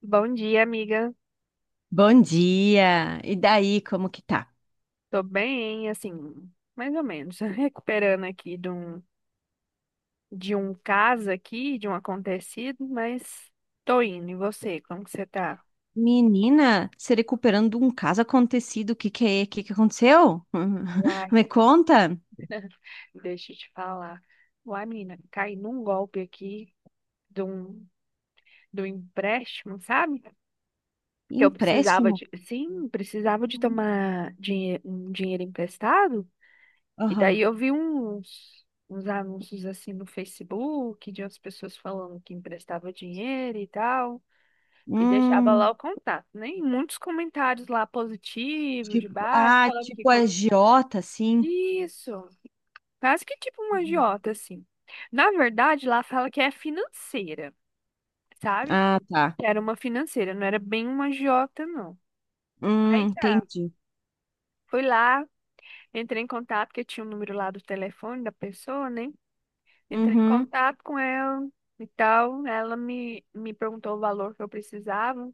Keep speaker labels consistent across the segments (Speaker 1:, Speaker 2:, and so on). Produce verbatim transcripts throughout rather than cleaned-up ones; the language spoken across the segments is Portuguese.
Speaker 1: Bom dia, amiga.
Speaker 2: Bom dia! E daí, como que tá?
Speaker 1: Tô bem, assim, mais ou menos. Recuperando aqui de um, de um caso aqui, de um acontecido, mas tô indo. E você, como que você tá?
Speaker 2: Menina, se recuperando de um caso acontecido, o que que é? O que que aconteceu?
Speaker 1: Uai,
Speaker 2: Me conta.
Speaker 1: deixa eu te falar. Uai, menina, caí num golpe aqui de um, de um empréstimo, sabe? Que eu precisava
Speaker 2: Empréstimo?
Speaker 1: de, sim, precisava de tomar dinhe um dinheiro emprestado. E daí
Speaker 2: Aham.
Speaker 1: eu vi uns, uns anúncios assim no Facebook de umas pessoas falando que emprestava dinheiro e tal, e deixava lá
Speaker 2: Hum,
Speaker 1: o contato, né? E muitos comentários lá positivos, de
Speaker 2: tipo,
Speaker 1: baixo,
Speaker 2: ah,
Speaker 1: falando que
Speaker 2: tipo
Speaker 1: con-
Speaker 2: agiota, assim.
Speaker 1: isso, quase que tipo um
Speaker 2: Uhum.
Speaker 1: agiota assim. Na verdade, lá fala que é financeira, sabe?
Speaker 2: Ah, tá.
Speaker 1: Que era uma financeira, não era bem uma agiota, não.
Speaker 2: Hum,
Speaker 1: Aí tá.
Speaker 2: entendi.
Speaker 1: Fui lá, entrei em contato, porque tinha o número lá do telefone da pessoa, né? Entrei em
Speaker 2: Uhum,
Speaker 1: contato com ela e tal. Ela me, me perguntou o valor que eu precisava.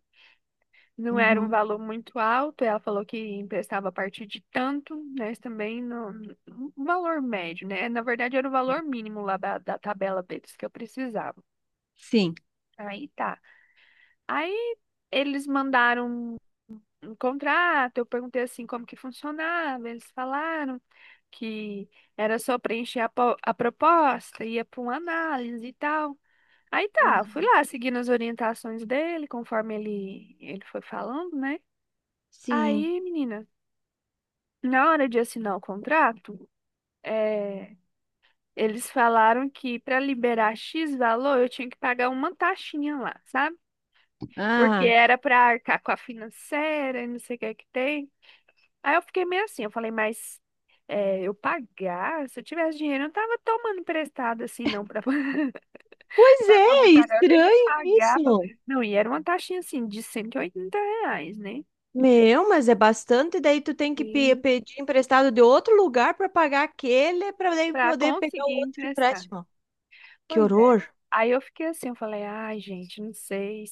Speaker 1: Não era um
Speaker 2: uhum.
Speaker 1: valor muito alto. Ela falou que emprestava a partir de tanto, né? Mas também no, um valor médio, né? Na verdade, era o valor mínimo lá da, da tabela deles que eu precisava.
Speaker 2: Sim.
Speaker 1: Aí tá. Aí eles mandaram um contrato. Eu perguntei assim como que funcionava. Eles falaram que era só preencher a, po- a proposta, ia para uma análise e tal. Aí tá, fui
Speaker 2: Uhum.
Speaker 1: lá seguindo as orientações dele, conforme ele, ele foi falando, né?
Speaker 2: Sim.
Speaker 1: Aí, menina, na hora de assinar o contrato, é, eles falaram que para liberar X valor eu tinha que pagar uma taxinha lá, sabe? Porque
Speaker 2: Ah,
Speaker 1: era para arcar com a financeira e não sei o que é que tem. Aí eu fiquei meio assim, eu falei, mas é, eu pagar? Se eu tivesse dinheiro, eu não tava tomando emprestado assim, não, para
Speaker 2: pois
Speaker 1: Pra
Speaker 2: é,
Speaker 1: poder pagar, eu tenho que
Speaker 2: estranho
Speaker 1: pagar. pra-
Speaker 2: isso.
Speaker 1: Não, e era uma taxinha assim de cento e oitenta reais, né?
Speaker 2: Meu, mas é bastante, daí tu tem que pe-
Speaker 1: Sim.
Speaker 2: pedir emprestado de outro lugar para pagar aquele, para daí
Speaker 1: Pra
Speaker 2: poder pegar o
Speaker 1: conseguir
Speaker 2: outro
Speaker 1: emprestar.
Speaker 2: empréstimo. Que
Speaker 1: Pois é.
Speaker 2: horror.
Speaker 1: Aí eu fiquei assim, eu falei, ai, gente, não sei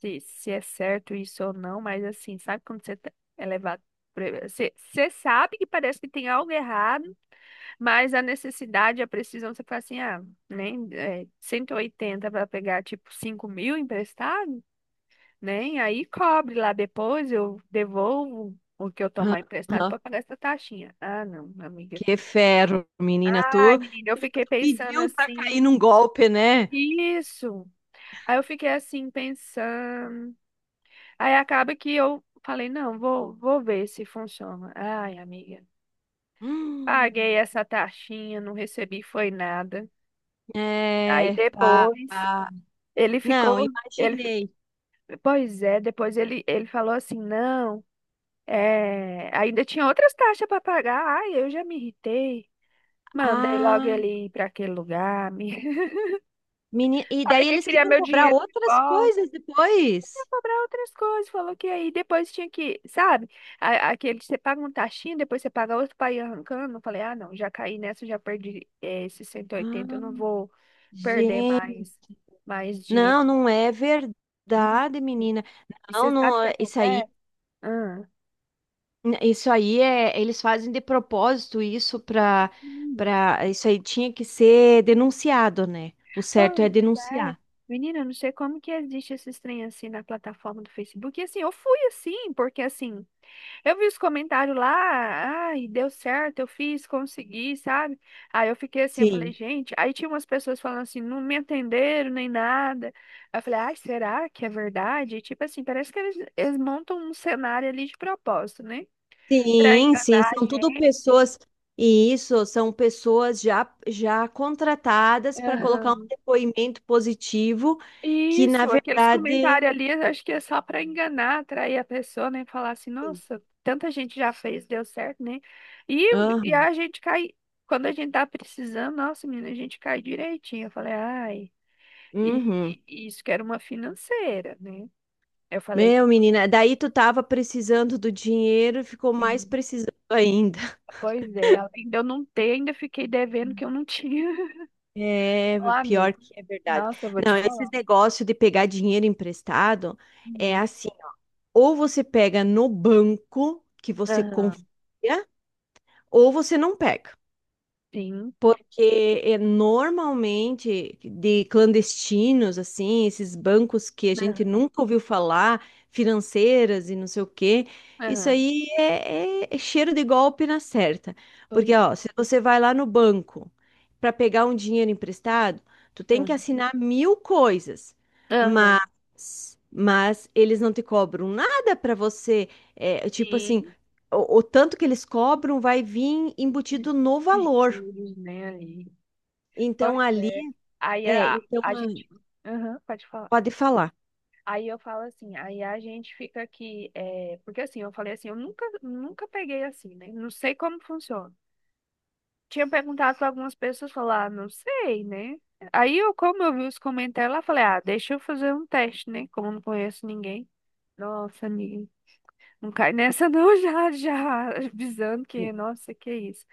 Speaker 1: se, se é certo isso ou não, mas assim, sabe quando você tá- é levado. pra- Você, você sabe que parece que tem algo errado, mas a necessidade, a precisão, você fala assim, ah, nem é, cento e oitenta para pegar tipo cinco mil emprestado? Né? E aí cobre lá depois, eu devolvo o que eu
Speaker 2: Aham,
Speaker 1: tomar emprestado
Speaker 2: aham.
Speaker 1: para pagar essa taxinha. Ah, não, amiga.
Speaker 2: Que ferro, menina,
Speaker 1: Ai,
Speaker 2: tu, tu
Speaker 1: menina, eu fiquei pensando
Speaker 2: pediu para cair
Speaker 1: assim.
Speaker 2: num golpe, né?
Speaker 1: Isso. Aí eu fiquei assim pensando. Aí acaba que eu falei, não, vou, vou ver se funciona. Ai, amiga, paguei
Speaker 2: Hum,
Speaker 1: essa taxinha, não recebi foi nada. Aí
Speaker 2: é, pá.
Speaker 1: depois ele ficou,
Speaker 2: Não,
Speaker 1: ele,
Speaker 2: imaginei.
Speaker 1: pois é, depois ele, ele falou assim, não. É, ainda tinha outras taxas para pagar. Ai, eu já me irritei. Mandei logo
Speaker 2: Ah,
Speaker 1: ele ir para aquele lugar. Me...
Speaker 2: menina, e
Speaker 1: Falei
Speaker 2: daí
Speaker 1: que eu
Speaker 2: eles
Speaker 1: queria
Speaker 2: queriam
Speaker 1: meu
Speaker 2: cobrar
Speaker 1: dinheiro de
Speaker 2: outras
Speaker 1: volta.
Speaker 2: coisas
Speaker 1: Ia
Speaker 2: depois.
Speaker 1: cobrar outras coisas. Falou que aí depois tinha que, sabe? A- Aquele que você paga um taxinho, depois você paga outro para ir arrancando. Eu falei, ah, não, já caí nessa, já perdi eh, esses cento e oitenta, eu não
Speaker 2: Ah,
Speaker 1: vou perder mais, mais dinheiro.
Speaker 2: não, não é
Speaker 1: Hum.
Speaker 2: verdade, menina.
Speaker 1: E você
Speaker 2: Não,
Speaker 1: sabe o
Speaker 2: não,
Speaker 1: que
Speaker 2: é- isso aí,
Speaker 1: acontece? Ah.
Speaker 2: isso aí é, eles fazem de propósito isso para para isso aí tinha que ser denunciado, né? O certo
Speaker 1: Pois
Speaker 2: é
Speaker 1: é.
Speaker 2: denunciar.
Speaker 1: Menina, eu não sei como que existe esse trem assim na plataforma do Facebook. E assim, eu fui assim, porque assim, eu vi os comentários lá, ai, deu certo, eu fiz, consegui, sabe? Aí eu fiquei assim, eu falei,
Speaker 2: Sim.
Speaker 1: gente, aí tinha umas pessoas falando assim, não me atenderam nem nada. Aí eu falei, ai, será que é verdade? E, tipo assim, parece que eles, eles montam um cenário ali de propósito, né? Pra
Speaker 2: Sim, sim,
Speaker 1: enganar a
Speaker 2: são tudo
Speaker 1: gente.
Speaker 2: pessoas e isso são pessoas já já contratadas para colocar
Speaker 1: Aham.
Speaker 2: um depoimento positivo que na
Speaker 1: Isso, aqueles
Speaker 2: verdade.
Speaker 1: comentários ali, eu acho que é só para enganar, atrair a pessoa, né? Falar assim, nossa, tanta gente já fez, deu certo, né? E, e
Speaker 2: Aham.
Speaker 1: a gente cai, quando a gente tá precisando, nossa, menina, a gente cai direitinho. Eu falei, ai, e,
Speaker 2: Uhum.
Speaker 1: e- e isso que era uma financeira, né? Eu falei,
Speaker 2: Meu, menina, daí tu tava precisando do dinheiro e ficou mais
Speaker 1: sim,
Speaker 2: precisando ainda.
Speaker 1: pois é, além de eu não ter, ainda fiquei devendo que eu não tinha.
Speaker 2: É,
Speaker 1: Lá,
Speaker 2: pior
Speaker 1: amiga,
Speaker 2: que é verdade.
Speaker 1: nossa, eu vou
Speaker 2: Não,
Speaker 1: te falar.
Speaker 2: esses negócios de pegar dinheiro emprestado é
Speaker 1: Hum,
Speaker 2: assim, ou você pega no banco que você confia,
Speaker 1: Aham,
Speaker 2: ou você não pega.
Speaker 1: sim,
Speaker 2: Porque é, normalmente de clandestinos, assim, esses bancos que a gente
Speaker 1: aham,
Speaker 2: nunca ouviu falar, financeiras e não sei o quê, isso
Speaker 1: aham,
Speaker 2: aí é, é- é cheiro de golpe na certa. Porque,
Speaker 1: pois,
Speaker 2: ó, se você vai lá no banco para pegar um dinheiro emprestado, tu tem que
Speaker 1: aham,
Speaker 2: assinar mil coisas,
Speaker 1: aham,
Speaker 2: mas, mas eles não te cobram nada para você, é, tipo assim,
Speaker 1: sim.
Speaker 2: o o tanto que eles cobram vai vir embutido no valor.
Speaker 1: Jesus, nem aí.
Speaker 2: Então
Speaker 1: Pois
Speaker 2: ali,
Speaker 1: é. Aí
Speaker 2: é,
Speaker 1: a,
Speaker 2: então
Speaker 1: a gente.
Speaker 2: a-
Speaker 1: Aham, pode falar.
Speaker 2: pode falar.
Speaker 1: Aí eu falo assim, aí a gente fica aqui. É... Porque assim, eu falei assim, eu nunca, nunca peguei assim, né? Não sei como funciona. Tinha perguntado para algumas pessoas, falar, ah, não sei, né? Aí eu, como eu vi os comentários lá, falei, ah, deixa eu fazer um teste, né? Como eu não conheço ninguém. Nossa, amiga, não cai nessa não, já, já, avisando que, nossa, que isso.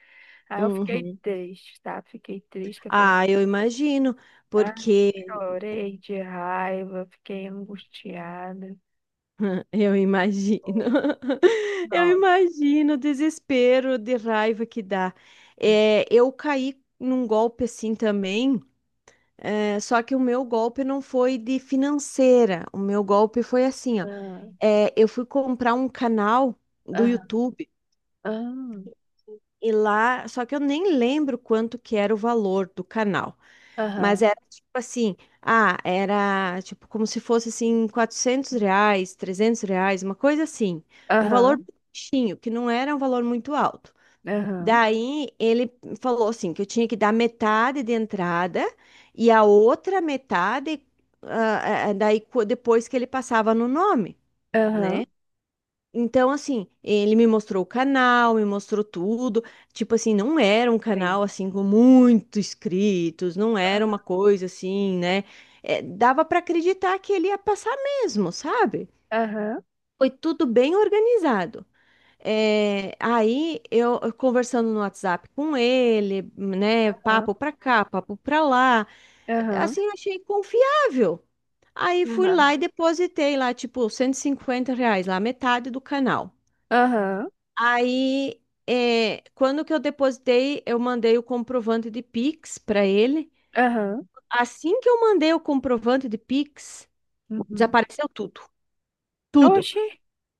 Speaker 1: Aí eu fiquei
Speaker 2: Uhum.
Speaker 1: triste, tá? Fiquei triste, que eu falei.
Speaker 2: Ah, eu imagino,
Speaker 1: Ah,
Speaker 2: porque
Speaker 1: chorei de raiva, fiquei angustiada.
Speaker 2: eu imagino,
Speaker 1: Foi.
Speaker 2: eu
Speaker 1: Nossa.
Speaker 2: imagino o desespero de raiva que dá.
Speaker 1: Sim.
Speaker 2: É, eu caí num golpe assim também, é, só que o meu golpe não foi de financeira, o meu golpe foi assim, ó.
Speaker 1: Ah,
Speaker 2: É, eu fui comprar um canal do
Speaker 1: aham,
Speaker 2: YouTube
Speaker 1: aham,
Speaker 2: e lá, só que eu nem lembro quanto que era o valor do canal, mas
Speaker 1: aham,
Speaker 2: era tipo assim, ah, era tipo como se fosse assim quatrocentos reais, trezentos reais, uma coisa assim, um valor
Speaker 1: aham,
Speaker 2: baixinho, que não era um valor muito alto.
Speaker 1: aham,
Speaker 2: Daí ele falou assim que eu tinha que dar metade de entrada e a outra metade, ah, ah, daí co- depois que ele passava no nome,
Speaker 1: aham,
Speaker 2: né? Então, assim, ele me mostrou o canal, me mostrou tudo. Tipo assim, não era um canal
Speaker 1: sim.
Speaker 2: assim com muitos inscritos, não era
Speaker 1: Aham,
Speaker 2: uma coisa assim, né? É, dava para acreditar que ele ia passar mesmo, sabe?
Speaker 1: aham,
Speaker 2: Foi tudo bem organizado. É, aí eu eu conversando no WhatsApp com ele, né? Papo pra cá, papo pra lá.
Speaker 1: aham, aham,
Speaker 2: Assim, eu achei confiável. Aí fui lá
Speaker 1: aham.
Speaker 2: e depositei lá, tipo, cento e cinquenta reais, lá, metade do canal.
Speaker 1: Aham,
Speaker 2: Aí, é, quando que eu depositei, eu mandei o comprovante de Pix para ele.
Speaker 1: aham,
Speaker 2: Assim que eu mandei o comprovante de Pix,
Speaker 1: uhum.
Speaker 2: desapareceu tudo, tudo.
Speaker 1: Oxi.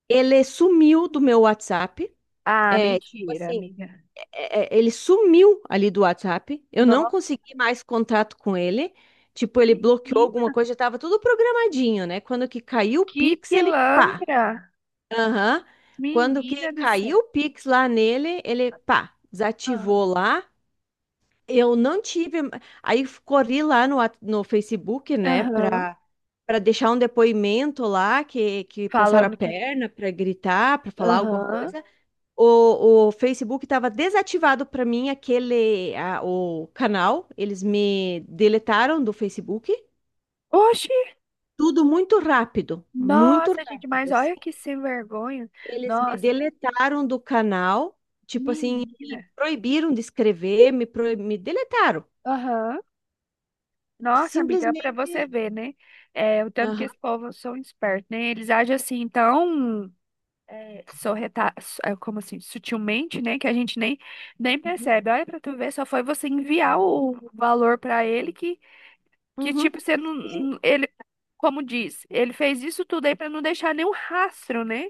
Speaker 2: Ele sumiu do meu WhatsApp.
Speaker 1: Ah,
Speaker 2: É, tipo
Speaker 1: mentira,
Speaker 2: assim,
Speaker 1: amiga.
Speaker 2: é, é, ele sumiu ali do WhatsApp. Eu não
Speaker 1: Nossa,
Speaker 2: consegui mais contato com ele. Tipo, ele bloqueou alguma
Speaker 1: menina,
Speaker 2: coisa, já tava tudo programadinho, né? Quando que caiu o
Speaker 1: que
Speaker 2: Pix, ele pá.
Speaker 1: pilantra.
Speaker 2: Aham. Quando que
Speaker 1: Menina do céu.
Speaker 2: caiu o Pix lá nele, ele pá, desativou
Speaker 1: Aham,
Speaker 2: lá. Eu não tive. Aí corri lá no, at- no Facebook, né,
Speaker 1: aham,
Speaker 2: para para deixar um depoimento lá que, que passaram a
Speaker 1: falando que.
Speaker 2: perna, para gritar, para falar alguma
Speaker 1: Aham.
Speaker 2: coisa. O, o Facebook estava desativado para mim, aquele a- o canal. Eles me deletaram do Facebook.
Speaker 1: Oxi.
Speaker 2: Tudo muito rápido, muito
Speaker 1: Nossa, gente,
Speaker 2: rápido,
Speaker 1: mas
Speaker 2: assim.
Speaker 1: olha que sem vergonha.
Speaker 2: Eles me
Speaker 1: Nossa,
Speaker 2: deletaram do canal, tipo assim, me
Speaker 1: menino.
Speaker 2: proibiram de escrever, me, proib- me deletaram.
Speaker 1: Aham. Nossa, amiga, pra você
Speaker 2: Simplesmente.
Speaker 1: ver, né? É, o tanto que esse povo são espertos, né? Eles agem assim tão é, sorreta, su- é, como assim, sutilmente, né? Que a gente nem, nem
Speaker 2: Uhum.
Speaker 1: percebe. Olha pra tu ver, só foi você enviar o valor pra ele que, que,
Speaker 2: Uhum.
Speaker 1: tipo, você não.
Speaker 2: E
Speaker 1: não- Ele, como diz, ele fez isso tudo aí pra não deixar nenhum rastro, né?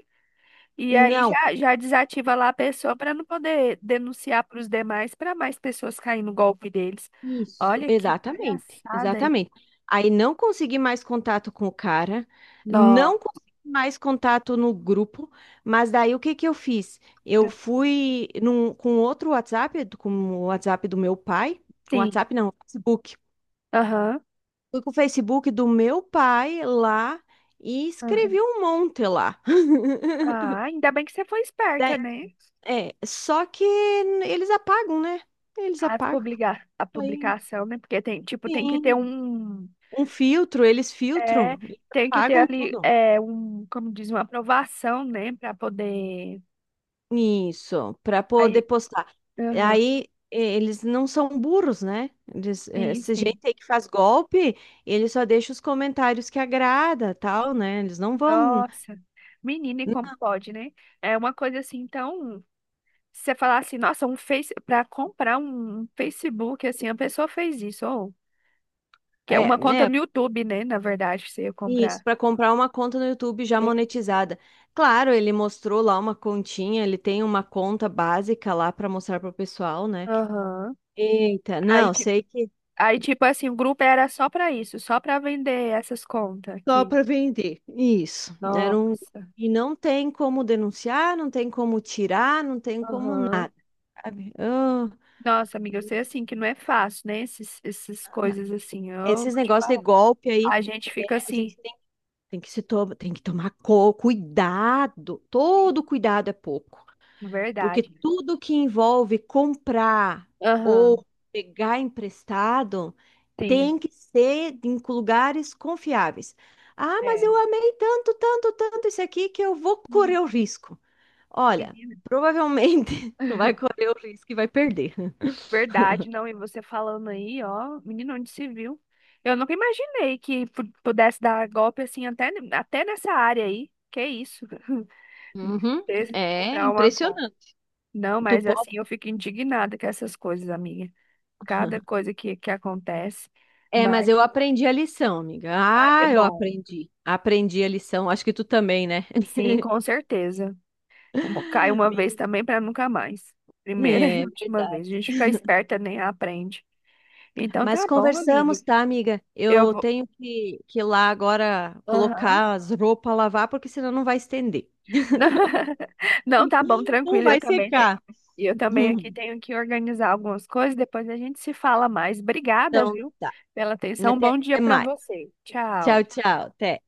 Speaker 1: E aí
Speaker 2: não,
Speaker 1: já, já desativa lá a pessoa para não poder denunciar para os demais, para mais pessoas caírem no golpe deles.
Speaker 2: isso,
Speaker 1: Olha que
Speaker 2: exatamente,
Speaker 1: palhaçada aí.
Speaker 2: exatamente. Aí não consegui mais contato com o cara, não
Speaker 1: Nossa,
Speaker 2: consegui mais contato no grupo, mas daí o que que eu fiz? Eu fui num, com outro WhatsApp, com o WhatsApp do meu pai, com o
Speaker 1: sim.
Speaker 2: WhatsApp não, Facebook.
Speaker 1: Aham.
Speaker 2: Fui com o Facebook do meu pai lá e
Speaker 1: Aham.
Speaker 2: escrevi um monte lá.
Speaker 1: Ah, ainda bem que você foi esperta,
Speaker 2: Daí-
Speaker 1: né?
Speaker 2: é, só que eles apagam, né? Eles
Speaker 1: As
Speaker 2: apagam.
Speaker 1: publica A
Speaker 2: Aí,
Speaker 1: publicação, né? Porque tem, tipo, tem que ter
Speaker 2: sim.
Speaker 1: um.
Speaker 2: Um filtro, eles
Speaker 1: É,
Speaker 2: filtram e
Speaker 1: tem que ter
Speaker 2: apagam
Speaker 1: ali,
Speaker 2: tudo.
Speaker 1: é, um, como diz, uma aprovação, né? Para poder.
Speaker 2: Isso, para poder
Speaker 1: Aí.
Speaker 2: postar.
Speaker 1: Aham.
Speaker 2: Aí eh, eles não são burros, né? Eles, eh,
Speaker 1: Sim,
Speaker 2: essa gente
Speaker 1: sim.
Speaker 2: aí que faz golpe, ele só deixa os comentários que agrada, tal, né? Eles não vão,
Speaker 1: Nossa, menina, e como pode, né? É uma coisa assim, então, se você falar assim, nossa, um Face, para comprar um Facebook, assim, a pessoa fez isso, ou que é
Speaker 2: é,
Speaker 1: uma conta
Speaker 2: né?
Speaker 1: no YouTube, né? Na verdade, você ia
Speaker 2: Isso,
Speaker 1: comprar.
Speaker 2: para comprar uma conta no YouTube já
Speaker 1: Que-
Speaker 2: monetizada. Claro, ele mostrou lá uma continha, ele tem uma conta básica lá para mostrar pro pessoal, né?
Speaker 1: Aham.
Speaker 2: Eita,
Speaker 1: Aí,
Speaker 2: não,
Speaker 1: ti-
Speaker 2: sei que
Speaker 1: aí, tipo assim, o grupo era só pra isso, só pra vender essas contas
Speaker 2: só
Speaker 1: aqui.
Speaker 2: para vender. Isso. Era um...
Speaker 1: Nossa.
Speaker 2: E não tem como denunciar, não tem como tirar, não tem como
Speaker 1: Aham.
Speaker 2: nada, sabe? Ah,
Speaker 1: Nossa, amiga, eu sei assim que não é fácil, né? Esses, essas coisas assim, eu
Speaker 2: esses
Speaker 1: te
Speaker 2: negócios de
Speaker 1: falo.
Speaker 2: golpe aí,
Speaker 1: A gente
Speaker 2: é,
Speaker 1: fica
Speaker 2: a
Speaker 1: assim,
Speaker 2: gente tem, tem que se to... tem que tomar co- cuidado. Todo cuidado é pouco.
Speaker 1: de
Speaker 2: Porque
Speaker 1: verdade.
Speaker 2: tudo que envolve comprar
Speaker 1: Aham.
Speaker 2: ou pegar emprestado
Speaker 1: Sim.
Speaker 2: tem que ser em lugares confiáveis. Ah, mas
Speaker 1: É.
Speaker 2: eu amei tanto, tanto, tanto isso aqui que eu vou correr
Speaker 1: Uhum.
Speaker 2: o risco. Olha,
Speaker 1: Menina,
Speaker 2: provavelmente tu vai correr o risco e vai perder.
Speaker 1: verdade, não. E você falando aí, ó, menino, onde se viu? Eu nunca imaginei que pu- pudesse dar golpe assim, até, até nessa área aí. Que isso?
Speaker 2: Uhum,
Speaker 1: Ter-
Speaker 2: é
Speaker 1: Comprar uma compra.
Speaker 2: impressionante.
Speaker 1: Não,
Speaker 2: Tu
Speaker 1: mas
Speaker 2: pode...
Speaker 1: assim, eu fico indignada com essas coisas, amiga. Cada coisa que, que acontece.
Speaker 2: É, mas
Speaker 1: Mas,
Speaker 2: eu aprendi a lição, amiga.
Speaker 1: ah, que
Speaker 2: Ah, eu
Speaker 1: bom.
Speaker 2: aprendi. Aprendi a lição. Acho que tu também, né?
Speaker 1: Sim, com certeza. Uma- Cai uma vez
Speaker 2: Menina,
Speaker 1: também para nunca mais. Primeira e
Speaker 2: é
Speaker 1: última
Speaker 2: verdade.
Speaker 1: vez. A gente fica esperta, nem aprende. Então
Speaker 2: Mas
Speaker 1: tá bom, amiga.
Speaker 2: conversamos, tá, amiga?
Speaker 1: Eu
Speaker 2: Eu
Speaker 1: vou.
Speaker 2: tenho que, que ir lá agora
Speaker 1: Aham.
Speaker 2: colocar as roupas a lavar, porque senão não vai estender.
Speaker 1: Não, não, tá bom,
Speaker 2: Não
Speaker 1: tranquilo. Eu
Speaker 2: vai
Speaker 1: também tenho.
Speaker 2: secar.
Speaker 1: E eu também aqui tenho que organizar algumas coisas. Depois a gente se fala mais. Obrigada,
Speaker 2: Então
Speaker 1: viu,
Speaker 2: tá.
Speaker 1: pela atenção.
Speaker 2: Até
Speaker 1: Bom dia para
Speaker 2: mais.
Speaker 1: você.
Speaker 2: Tchau,
Speaker 1: Tchau.
Speaker 2: tchau. Até.